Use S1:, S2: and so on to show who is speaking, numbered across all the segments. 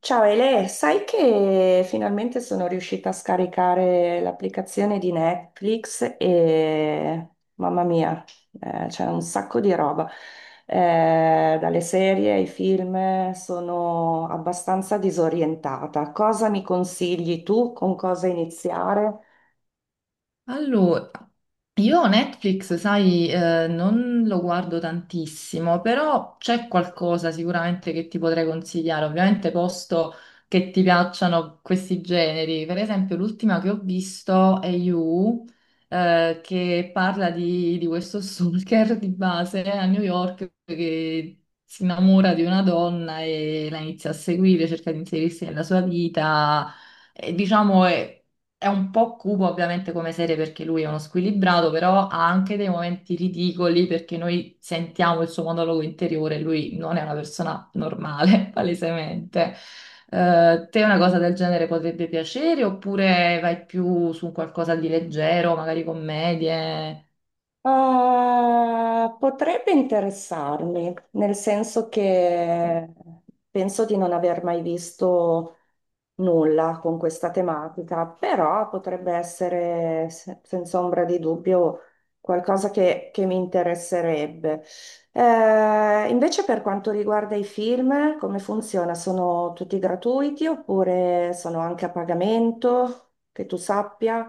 S1: Ciao Ele, sai che finalmente sono riuscita a scaricare l'applicazione di Netflix e mamma mia, c'è un sacco di roba. Dalle serie ai film sono abbastanza disorientata. Cosa mi consigli tu? Con cosa iniziare?
S2: Allora, io Netflix, sai, non lo guardo tantissimo, però c'è qualcosa sicuramente che ti potrei consigliare, ovviamente posto che ti piacciono questi generi. Per esempio, l'ultima che ho visto è You, che parla di questo stalker di base a New York che si innamora di una donna e la inizia a seguire, cerca di inserirsi nella sua vita. E, diciamo, è un po' cupo ovviamente come serie perché lui è uno squilibrato, però ha anche dei momenti ridicoli perché noi sentiamo il suo monologo interiore, lui non è una persona normale, palesemente. Te una cosa del genere potrebbe piacere oppure vai più su un qualcosa di leggero, magari commedie?
S1: Potrebbe interessarmi, nel senso che penso di non aver mai visto nulla con questa tematica, però potrebbe essere senza ombra di dubbio qualcosa che mi interesserebbe. Invece per quanto riguarda i film, come funziona? Sono tutti gratuiti oppure sono anche a pagamento, che tu sappia?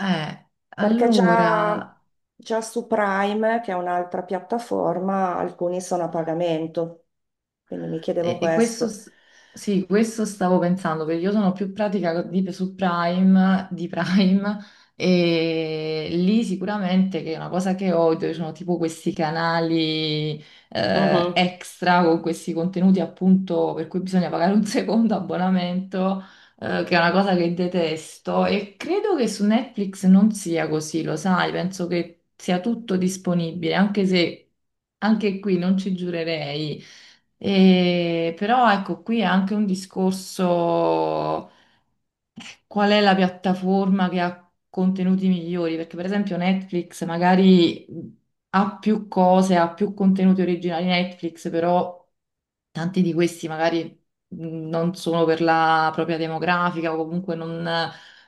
S2: Eh,
S1: Perché già,
S2: allora,
S1: già su Prime, che è un'altra piattaforma, alcuni sono a pagamento, quindi mi chiedevo
S2: E questo,
S1: questo.
S2: sì, questo stavo pensando, perché io sono più pratica su Prime, di Prime, e lì sicuramente che è una cosa che odio, ci sono tipo questi canali
S1: Mhm.
S2: extra con questi contenuti appunto per cui bisogna pagare un secondo abbonamento, che è una cosa che detesto, e credo che su Netflix non sia così, lo sai, penso che sia tutto disponibile, anche se... Anche qui non ci giurerei. Però ecco qui è anche un discorso, eh, qual è la piattaforma che ha contenuti migliori, perché per esempio Netflix magari ha più cose, ha più contenuti originali Netflix, però tanti di questi magari non sono per la propria demografica o comunque non,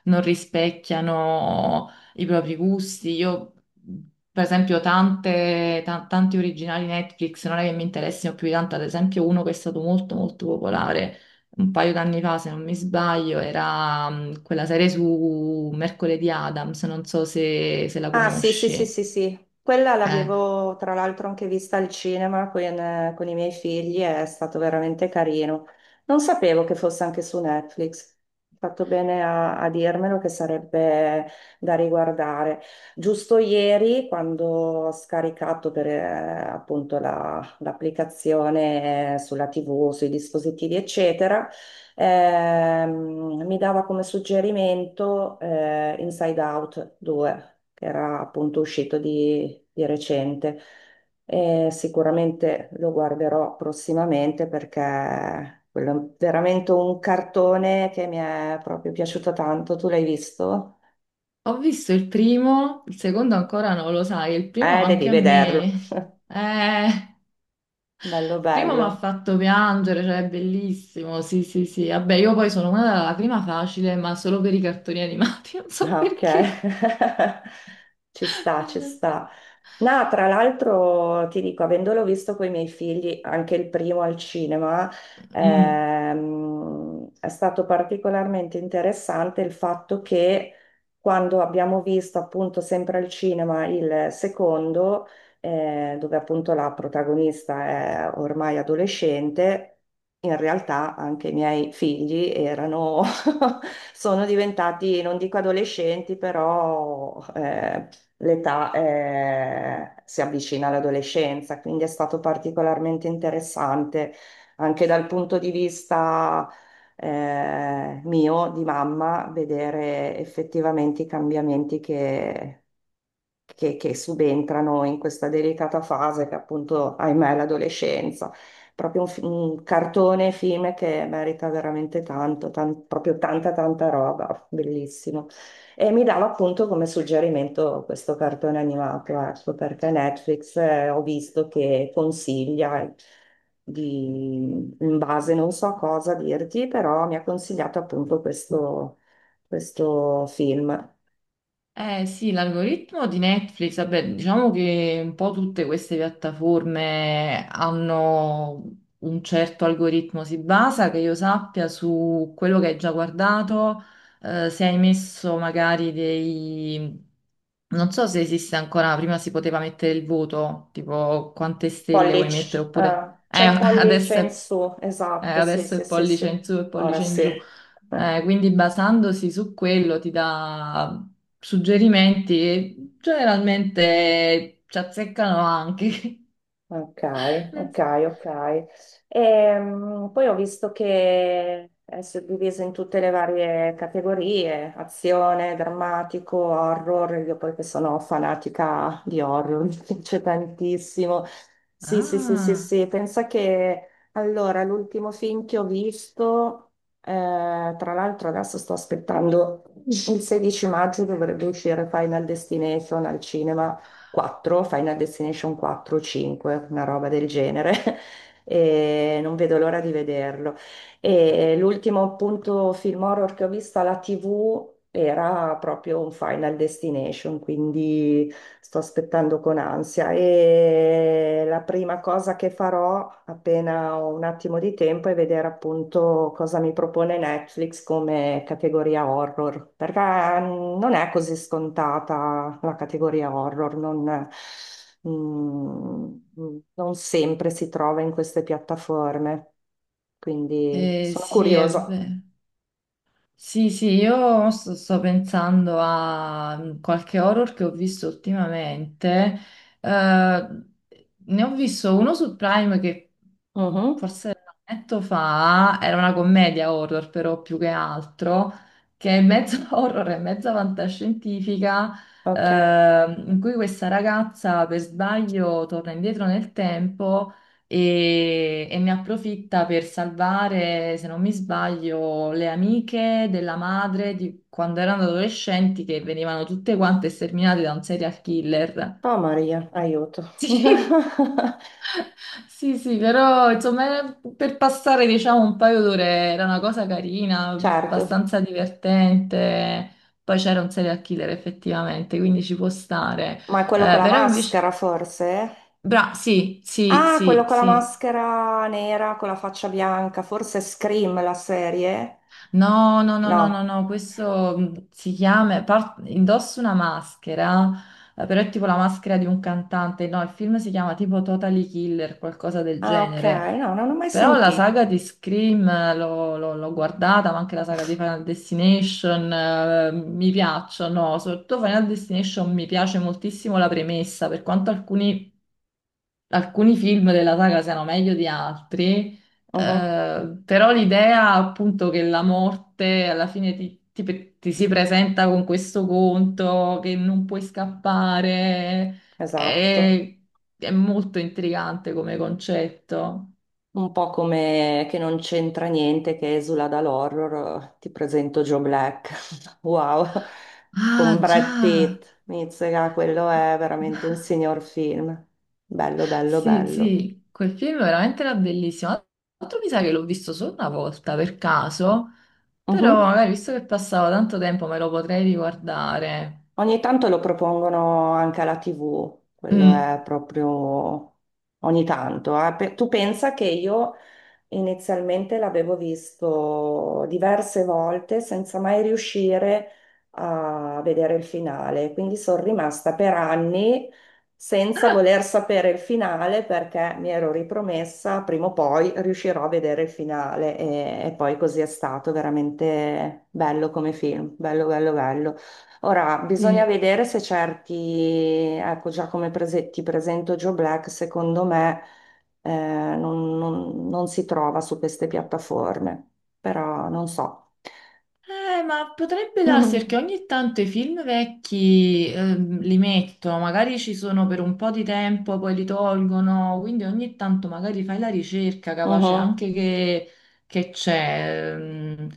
S2: non rispecchiano i propri gusti. Io, mh, per esempio, tanti originali Netflix non è che mi interessino più di tanto, ad esempio uno che è stato molto molto popolare un paio d'anni fa, se non mi sbaglio, era quella serie su Mercoledì Adams, non so se la
S1: Ah, sì, sì, sì,
S2: conosci.
S1: sì, sì. Quella
S2: Eh,
S1: l'avevo tra l'altro anche vista al cinema con i miei figli, è stato veramente carino. Non sapevo che fosse anche su Netflix. Hai fatto bene a dirmelo che sarebbe da riguardare. Giusto ieri, quando ho scaricato per, appunto l'applicazione sulla TV, sui dispositivi, eccetera, mi dava come suggerimento Inside Out 2, che era appunto uscito di recente. E sicuramente lo guarderò prossimamente perché quello è veramente un cartone che mi è proprio piaciuto tanto. Tu l'hai visto?
S2: Ho visto il primo, il secondo ancora non lo sai, il primo
S1: Devi
S2: anche a
S1: vederlo.
S2: me. Il
S1: Bello,
S2: primo mi ha
S1: bello.
S2: fatto piangere, cioè è bellissimo, sì, sì, sì. Vabbè, io poi sono una della prima facile, ma solo per i cartoni animati, non so
S1: Ah, ok,
S2: perché.
S1: ci sta, ci sta. No, tra l'altro ti dico, avendolo visto con i miei figli, anche il primo al cinema,
S2: Mm.
S1: è stato particolarmente interessante il fatto che quando abbiamo visto appunto sempre al cinema il secondo, dove appunto la protagonista è ormai adolescente, in realtà anche i miei figli erano, sono diventati, non dico adolescenti, però, l'età si avvicina all'adolescenza, quindi è stato particolarmente interessante anche dal punto di vista mio, di mamma, vedere effettivamente i cambiamenti che subentrano in questa delicata fase che appunto, ahimè, è l'adolescenza. Proprio un cartone, film che merita veramente tanto, proprio tanta roba, bellissimo. E mi dava appunto come suggerimento questo cartone animato, ecco, perché Netflix ho visto che consiglia di, in base non so cosa dirti, però mi ha consigliato appunto questo film.
S2: Eh sì, l'algoritmo di Netflix, vabbè, diciamo che un po' tutte queste piattaforme hanno un certo algoritmo, si basa, che io sappia, su quello che hai già guardato, se hai messo magari dei... Non so se esiste ancora, prima si poteva mettere il voto, tipo quante stelle vuoi mettere,
S1: Pollice,
S2: oppure...
S1: c'è il pollice
S2: adesso
S1: in
S2: è
S1: su, esatto, sì,
S2: adesso
S1: sì,
S2: è
S1: sì, sì,
S2: pollice in su e
S1: ora
S2: pollice in
S1: sì.
S2: giù.
S1: Eh.
S2: Quindi basandosi su quello ti dà suggerimenti e generalmente ci azzeccano anche.
S1: Ok,
S2: Nel-
S1: ok, ok. Poi ho visto che è suddiviso in tutte le varie categorie: azione, drammatico, horror. Io poi che sono fanatica di horror, mi piace tantissimo. Sì, sì, sì, sì,
S2: Ah,
S1: sì, pensa che allora l'ultimo film che ho visto, tra l'altro adesso sto aspettando: il 16 maggio dovrebbe uscire Final Destination al cinema. 4, Final Destination 4 o 5, una roba del genere. E non vedo l'ora di vederlo. E l'ultimo appunto film horror che ho visto alla TV era proprio un Final Destination. Quindi sto aspettando con ansia, e la prima cosa che farò appena ho un attimo di tempo è vedere appunto cosa mi propone Netflix come categoria horror, perché non è così scontata la categoria horror, non, mm, mm, non sempre si trova in queste piattaforme, quindi sono
S2: sì, è
S1: curiosa.
S2: vero. Sì, sì, sto pensando a qualche horror che ho visto ultimamente. Eh, Ne ho visto uno su Prime che
S1: Mhm,
S2: forse un annetto fa era una commedia horror, però più che altro, che è mezzo horror e mezza fantascientifica,
S1: ok.
S2: in cui questa ragazza per sbaglio torna indietro nel tempo e ne approfitta per salvare, se non mi sbaglio, le amiche della madre di quando erano adolescenti che venivano tutte quante sterminate da un serial killer.
S1: Oh Maria, aiuto.
S2: Sì, sì, sì, però insomma, era per passare diciamo un paio d'ore, era una cosa carina,
S1: Certo.
S2: abbastanza divertente. Poi c'era un serial killer effettivamente, quindi ci può stare.
S1: Ma è quello con la
S2: Però invece...
S1: maschera, forse?
S2: Bra, sì, sì,
S1: Ah, quello
S2: sì,
S1: con la
S2: sì.
S1: maschera nera, con la faccia bianca, forse è Scream la serie?
S2: No, no, no, no,
S1: No.
S2: no, no, questo si chiama, indossa una maschera, però è tipo la maschera di un cantante, no, il film si chiama tipo Totally Killer, qualcosa del
S1: Ah, ok,
S2: genere,
S1: no, non ho mai
S2: però la saga
S1: sentito.
S2: di Scream l'ho guardata, ma anche la saga di Final Destination, mi piacciono, soprattutto Final Destination mi piace moltissimo la premessa, per quanto alcuni film della saga siano meglio di altri,
S1: Mhm,
S2: però l'idea appunto che la morte alla fine ti si presenta con questo conto, che non puoi scappare,
S1: esatto.
S2: è molto intrigante come concetto.
S1: Un po' come, che non c'entra niente, che esula dall'horror. Ti presento Joe Black. Wow. Con
S2: Ah,
S1: Brad
S2: già.
S1: Pitt. Mizzica, quello è veramente un signor film. Bello, bello,
S2: Sì,
S1: bello.
S2: sì, quel film veramente era bellissimo. Tra l'altro mi sa che l'ho visto solo una volta per caso, però
S1: Mhm.
S2: magari visto che passavo tanto tempo me lo potrei riguardare.
S1: Ogni tanto lo propongono anche alla TV, quello
S2: Mm,
S1: è proprio ogni tanto. Eh. Tu pensa che io inizialmente l'avevo visto diverse volte senza mai riuscire a vedere il finale, quindi sono rimasta per anni senza voler sapere il finale, perché mi ero ripromessa: prima o poi riuscirò a vedere il finale, e poi così è stato. Veramente bello come film, bello, bello, bello. Ora, bisogna
S2: sì.
S1: vedere se certi, ecco già come ti presento Joe Black, secondo me eh, non si trova su queste piattaforme, però non so.
S2: Ma potrebbe darsi perché
S1: Mhm.
S2: ogni tanto i film vecchi li mettono, magari ci sono per un po' di tempo, poi li tolgono, quindi ogni tanto magari fai la ricerca, capace
S1: Mhm.
S2: anche che c'è,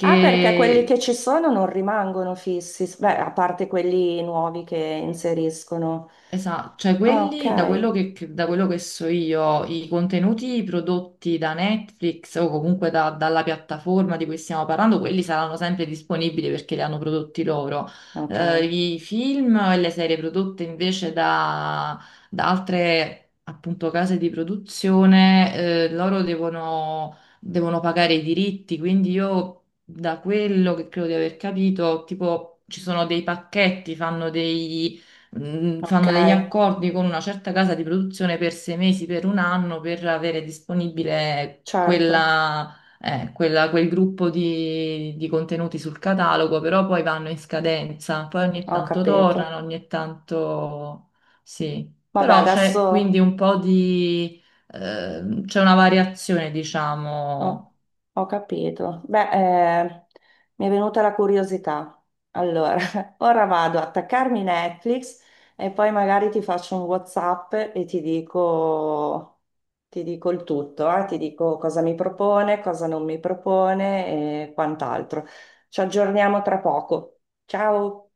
S1: Ah, perché quelli che ci sono non rimangono fissi, beh, a parte quelli nuovi che inseriscono.
S2: Esatto, cioè
S1: Ah,
S2: quelli, da
S1: ok,
S2: quello da quello che so io, i contenuti prodotti da Netflix o comunque dalla piattaforma di cui stiamo parlando, quelli saranno sempre disponibili perché li hanno prodotti loro.
S1: ok,
S2: I film e le serie prodotte invece da altre appunto case di produzione, loro devono, devono pagare i diritti, quindi io da quello che credo di aver capito, tipo ci sono dei pacchetti, fanno dei
S1: ok,
S2: fanno degli accordi con una certa casa di produzione per 6 mesi, per un anno, per avere disponibile
S1: certo,
S2: quella, quel gruppo di contenuti sul catalogo, però poi vanno in scadenza, poi ogni
S1: ho
S2: tanto
S1: capito.
S2: tornano, ogni tanto sì.
S1: Vabbè,
S2: Però c'è quindi
S1: adesso.
S2: un po' di... c'è una variazione, diciamo
S1: Ho, ho capito. Beh, eh, mi è venuta la curiosità. Allora, ora vado a attaccarmi Netflix e poi magari ti faccio un WhatsApp e ti dico, il tutto, ti dico cosa mi propone, cosa non mi propone e quant'altro. Ci aggiorniamo tra poco. Ciao!